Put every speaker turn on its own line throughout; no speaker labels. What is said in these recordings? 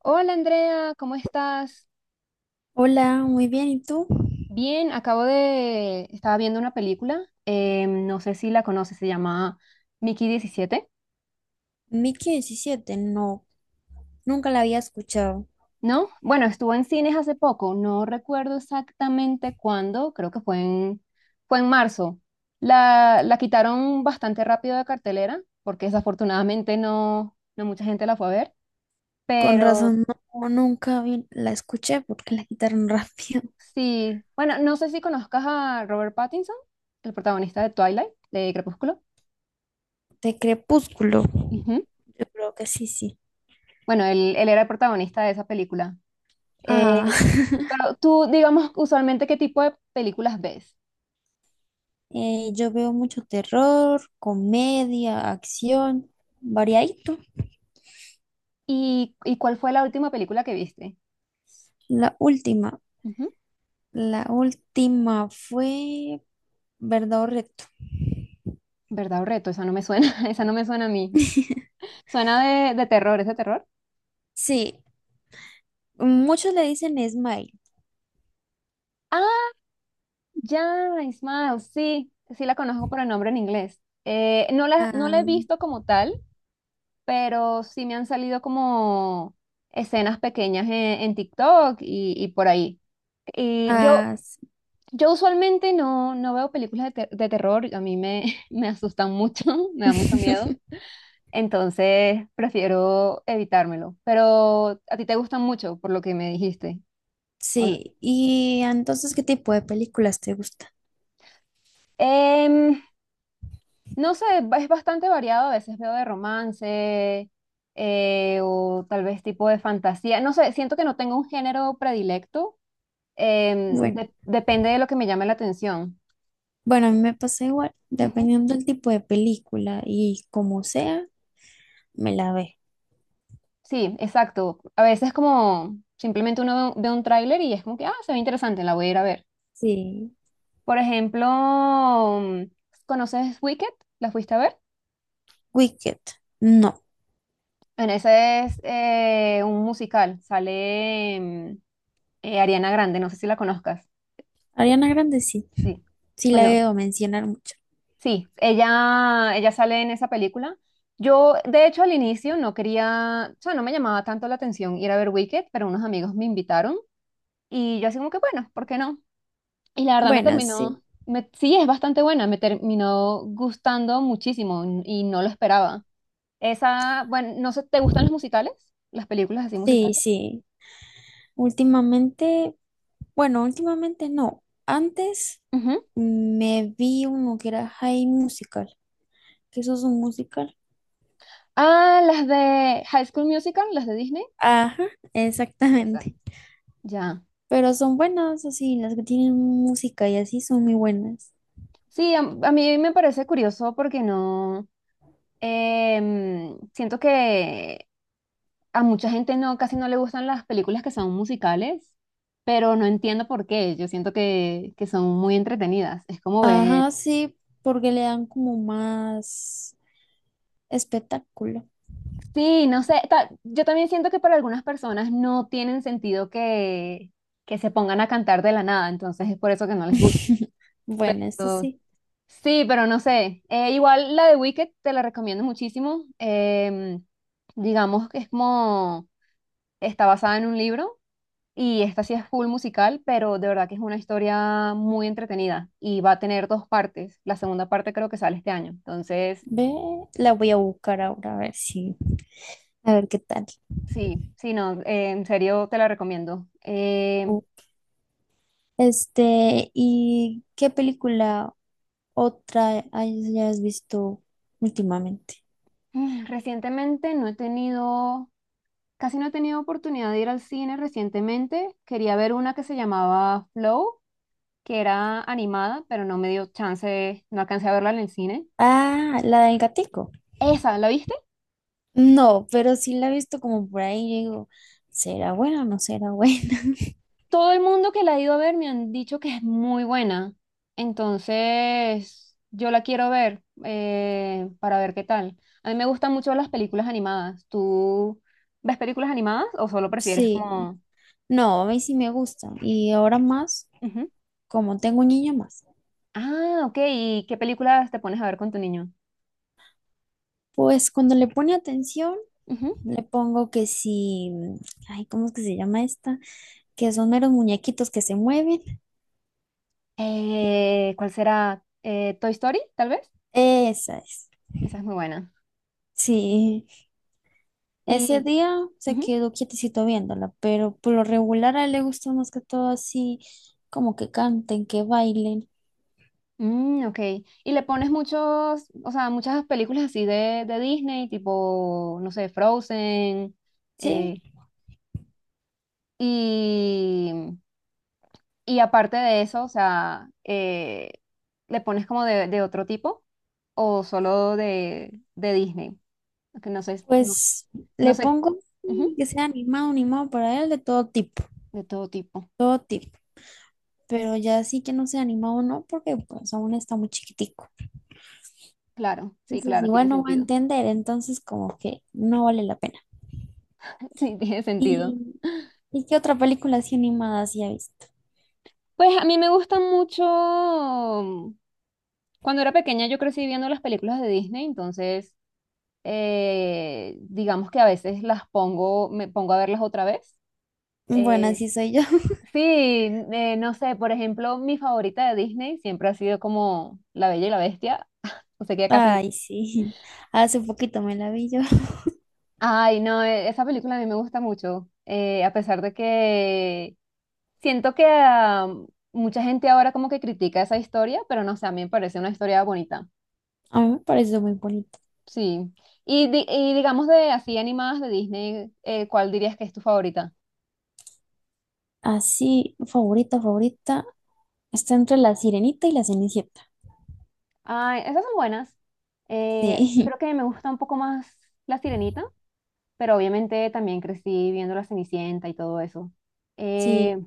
Hola Andrea, ¿cómo estás?
Hola, muy bien. ¿Y tú?
Bien, acabo de... Estaba viendo una película, no sé si la conoces, se llama Mickey 17,
Mickey 17. No, nunca la había escuchado.
¿no? Bueno, estuvo en cines hace poco, no recuerdo exactamente cuándo, creo que fue en marzo. La quitaron bastante rápido de cartelera, porque desafortunadamente no mucha gente la fue a ver,
Con
pero
razón, no, nunca vi- la escuché porque la quitaron rápido.
sí, bueno, no sé si conozcas a Robert Pattinson, el protagonista de Twilight, de Crepúsculo.
De Crepúsculo, yo creo que sí, sí.
Bueno, él era el protagonista de esa película. Eh,
Ah,
pero tú, digamos, usualmente, ¿qué tipo de películas ves?
yo veo mucho terror, comedia, acción, variadito.
¿Y cuál fue la última película que viste?
La última,
Ujú.
la última fue ¿Verdad o Reto?
¿Verdad o reto? Esa no me suena, esa no me suena a mí. Suena de terror, ¿es de terror?
Sí, muchos le dicen Smile.
Ah, ya, Ismael, sí, sí la conozco por el nombre en inglés. No la
Ah,
he visto como tal, pero sí me han salido como escenas pequeñas en, en TikTok y por ahí. Y yo,
ah,
Yo usualmente no, no veo películas de, de terror, a mí me, me asustan mucho, me da mucho miedo,
sí.
entonces prefiero evitármelo. Pero a ti te gustan mucho, por lo que me dijiste. ¿O no?
Sí, y entonces, ¿qué tipo de películas te gusta?
Em, no sé, es bastante variado, a veces veo de romance o tal vez tipo de fantasía, no sé, siento que no tengo un género predilecto,
Bueno,
depende de lo que me llame la atención.
bueno, a mí me pasa igual, dependiendo del tipo de película y como sea, me la ve.
Sí, exacto. A veces como simplemente uno ve un tráiler y es como que, ah, se ve interesante, la voy a ir a ver.
Sí,
Por ejemplo, mm, ¿conoces Wicked? ¿La fuiste a ver?
Wicked, no.
Bueno, ese es un musical. Sale Ariana Grande, no sé si la conozcas.
Ariana Grande sí,
Sí.
sí la
Bueno,
veo mencionar mucho.
sí, ella sale en esa película. Yo, de hecho, al inicio no quería, o sea, no me llamaba tanto la atención ir a ver Wicked, pero unos amigos me invitaron y yo así como que, bueno, ¿por qué no? Y la verdad me
Bueno, sí,
terminó, sí, es bastante buena, me terminó gustando muchísimo y no lo esperaba. Esa, bueno, no sé, ¿te gustan los musicales? Las películas así
sí,
musicales.
sí. Últimamente, bueno, últimamente no. Antes
Ujú.
me vi uno que era High Musical, que eso es un musical.
Ah, las de High School Musical, las de Disney.
Ajá,
Esa.
exactamente.
Ya.
Pero son buenas, así, las que tienen música y así son muy buenas.
Sí, a mí me parece curioso porque no, siento que a mucha gente no, casi no le gustan las películas que son musicales, pero no entiendo por qué. Yo siento que son muy entretenidas. Es como ver.
Ajá, sí, porque le dan como más espectáculo.
Sí, no sé, yo también siento que para algunas personas no tienen sentido que se pongan a cantar de la nada, entonces es por eso que no les gusta.
Bueno, esto sí.
Sí, pero no sé, igual la de Wicked te la recomiendo muchísimo, digamos que es como, está basada en un libro y esta sí es full musical, pero de verdad que es una historia muy entretenida y va a tener dos partes, la segunda parte creo que sale este año, entonces
Ve, la voy a buscar ahora a ver si, a ver qué tal.
sí, sí, no, en serio te la recomiendo. Em,
Uh, Este, ¿y qué película otra hayas visto últimamente?
mm, recientemente no he tenido, casi no he tenido oportunidad de ir al cine recientemente. Quería ver una que se llamaba Flow, que era animada, pero no me dio chance, no alcancé a verla en el cine.
Ah, la del gatico.
Esa, ¿la viste?
No, pero sí la he visto como por ahí. Yo digo, ¿será buena o no será buena?
Todo el mundo que la ha ido a ver me han dicho que es muy buena. Entonces, yo la quiero ver para ver qué tal. A mí me gustan mucho las películas animadas. ¿Tú ves películas animadas o solo prefieres
Sí,
como...
no, a mí sí me gusta. Y ahora más,
Ujú.
como tengo un niño más,
Ah, ok. ¿Y qué películas te pones a ver con tu niño?
pues cuando le pone atención,
Ujú.
le pongo que sí, ay, ¿cómo es que se llama esta? Que son meros muñequitos que se mueven.
¿Cuál será? ¿Toy Story, tal vez?
Esa es.
Esa es muy buena.
Sí, ese
Y,
día se
ujú.
quedó quietecito viéndola, pero por lo regular a él le gusta más que todo así, como que canten, que bailen.
Mm, ok. ¿Y le pones muchos, o sea, muchas películas así de Disney, tipo, no sé, Frozen? eh,
Sí,
y, y aparte de eso, o sea, ¿le pones como de otro tipo o solo de Disney? Que no sé, no,
pues
no
le
sé.
pongo
Ujú,
que sea animado, animado para él de todo tipo,
de todo tipo.
todo tipo. Pero ya sí que no sea animado, no, porque pues aún está muy chiquitico.
Claro, sí,
Entonces
claro, tiene
igual no va a
sentido.
entender, entonces como que no vale la pena.
Sí, tiene sentido.
¿Y, y qué otra película así animada sí ha visto?
Pues a mí me gusta mucho, cuando era pequeña yo crecí viendo las películas de Disney, entonces digamos que a veces las pongo, me pongo a verlas otra vez.
Bueno,
Eh,
así soy yo.
sí, no sé, por ejemplo, mi favorita de Disney siempre ha sido como La Bella y la Bestia. O sea que ya casi...
Ay, sí. Hace poquito me la vi yo.
Ay, no, esa película a mí me gusta mucho, a pesar de que siento que mucha gente ahora como que critica esa historia, pero no sé, a mí me parece una historia bonita.
A mí me pareció muy bonita.
Sí. Y, y digamos de así animadas de Disney, ¿cuál dirías que es tu favorita?
Así, favorita, favorita. Está entre la Sirenita y la Cenicienta.
Ay, esas son buenas.
Sí,
Creo que me gusta un poco más La Sirenita, pero obviamente también crecí viendo La Cenicienta y todo eso.
sí.
Eh,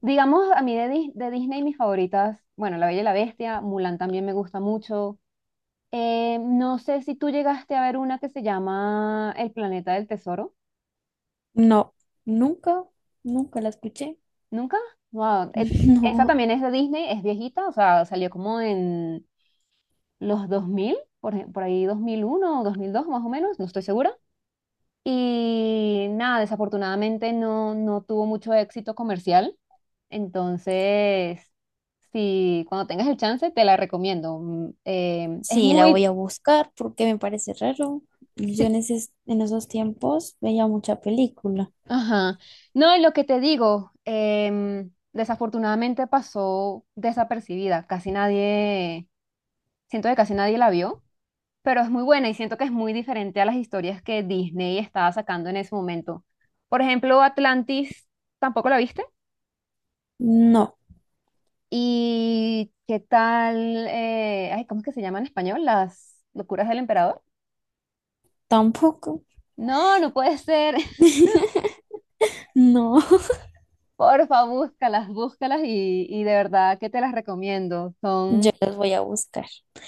digamos, a mí de, de Disney mis favoritas, bueno, La Bella y la Bestia, Mulan también me gusta mucho. No sé si tú llegaste a ver una que se llama El Planeta del Tesoro.
No, nunca, nunca la escuché.
¿Nunca? Wow. Esa
No,
también es de Disney, es viejita, o sea, salió como en los 2000 por ahí 2001 o 2002 más o menos, no estoy segura. Y nada, desafortunadamente no, no tuvo mucho éxito comercial. Entonces, si cuando tengas el chance, te la recomiendo. Mm,
sí, la voy a buscar porque me parece raro. Yo
sí,
en esos tiempos veía mucha película.
ajá. No, y lo que te digo, desafortunadamente pasó desapercibida. Casi nadie, siento que casi nadie la vio, pero es muy buena y siento que es muy diferente a las historias que Disney estaba sacando en ese momento. Por ejemplo, Atlantis, ¿tampoco la viste?
No,
¿Y qué tal? Eh, ay, ¿cómo es que se llama en español? Las locuras del emperador.
tampoco.
No, no puede ser.
No,
Porfa, búscalas, búscalas y de verdad que te las recomiendo. Son...
yo las voy a buscar.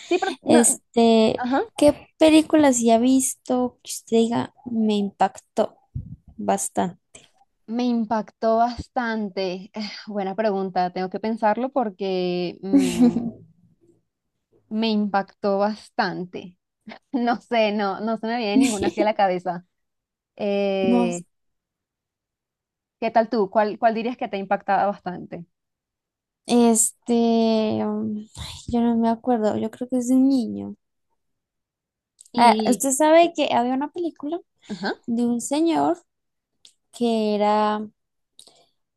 Sí, pero... No,
Este,
ajá.
¿qué película sí ha visto que usted diga me impactó bastante?
Me impactó bastante. Buena pregunta, tengo que pensarlo porque me impactó bastante. No sé, no, no se me viene ninguna hacia la cabeza.
No,
Eh, ¿Qué tal tú? ¿Cuál dirías que te ha impactado bastante?
este, ay, yo no me acuerdo, yo creo que es de un niño. Ah,
Y,
usted sabe que había una película
ajá,
de un señor que era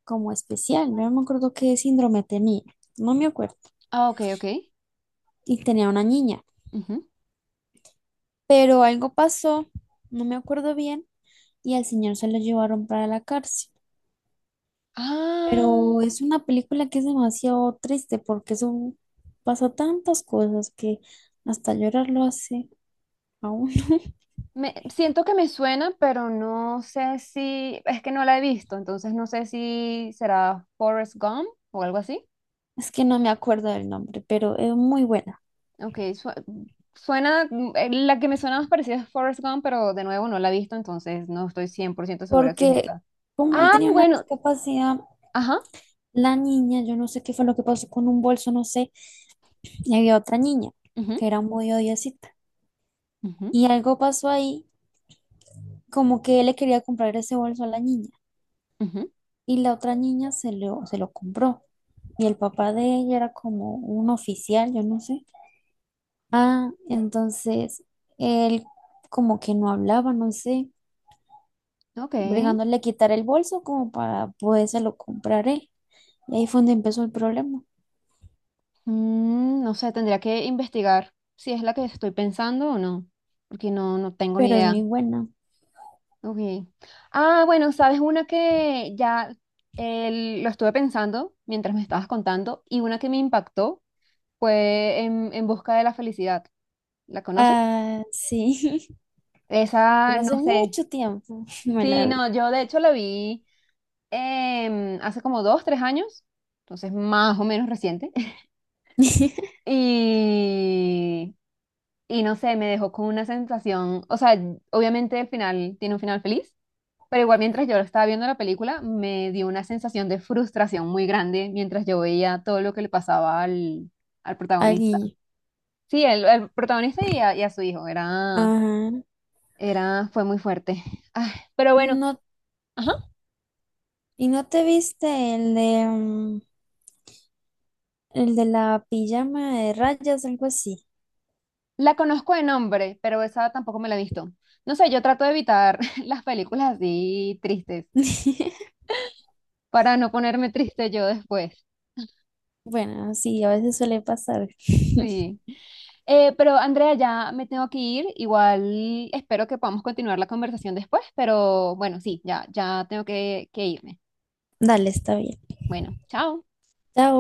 como especial, no me acuerdo qué síndrome tenía, no me acuerdo,
ah, ok, ok.
y tenía una niña,
Ujú.
pero algo pasó, no me acuerdo bien, y al señor se lo llevaron para la cárcel.
Ah,
Pero es una película que es demasiado triste porque pasa tantas cosas que hasta llorar lo hace a uno.
me, siento que me suena, pero no sé si, es que no la he visto, entonces no sé si será Forrest Gump o algo así.
Es que no me acuerdo del nombre, pero es muy buena
Ok, suena, mm, la que me suena más parecida es Forrest Gump, pero de nuevo no la he visto, entonces no estoy 100% segura si es
porque
esa.
como él
Ah,
tenía una
bueno,
discapacidad.
ajá.
La niña, yo no sé qué fue lo que pasó con un bolso, no sé, y había otra niña
Ujú,
que era muy odiosita.
ujú,
Y algo pasó ahí, como que él le quería comprar ese bolso a la niña
ujú,
y la otra niña se lo compró. Y el papá de ella era como un oficial, yo no sé. Ah, entonces él como que no hablaba, no sé,
ok.
bregándole a quitar el bolso como para podérselo comprar él. Y ahí fue donde empezó el problema,
Mm, no sé, tendría que investigar si es la que estoy pensando o no, porque no, no tengo ni
pero es
idea.
muy buena.
Ok. Ah, bueno, sabes una que ya lo estuve pensando mientras me estabas contando y una que me impactó fue en Busca de la Felicidad. ¿La conoces?
Ah, sí.
Esa,
Pero
no
hace
sé.
mucho tiempo me
Sí,
la vi.
no, yo de hecho la vi hace como 2, 3 años, entonces más o menos reciente. Y, y no sé, me dejó con una sensación, o sea, obviamente el final tiene un final feliz, pero igual mientras yo estaba viendo la película me dio una sensación de frustración muy grande mientras yo veía todo lo que le pasaba al
Al
protagonista.
niño.
Sí, el protagonista y a su hijo,
Ajá.
era, fue muy fuerte. Ah, pero bueno,
No,
ajá.
¿y no te viste el de, el de la pijama de rayas, algo así?
La conozco de nombre, pero esa tampoco me la he visto. No sé, yo trato de evitar las películas así tristes para no ponerme triste yo después.
Bueno, sí, a veces suele pasar.
Sí. Pero Andrea, ya me tengo que ir. Igual espero que podamos continuar la conversación después, pero bueno, sí, ya, ya tengo que irme.
Dale, está bien.
Bueno, chao.
Chao.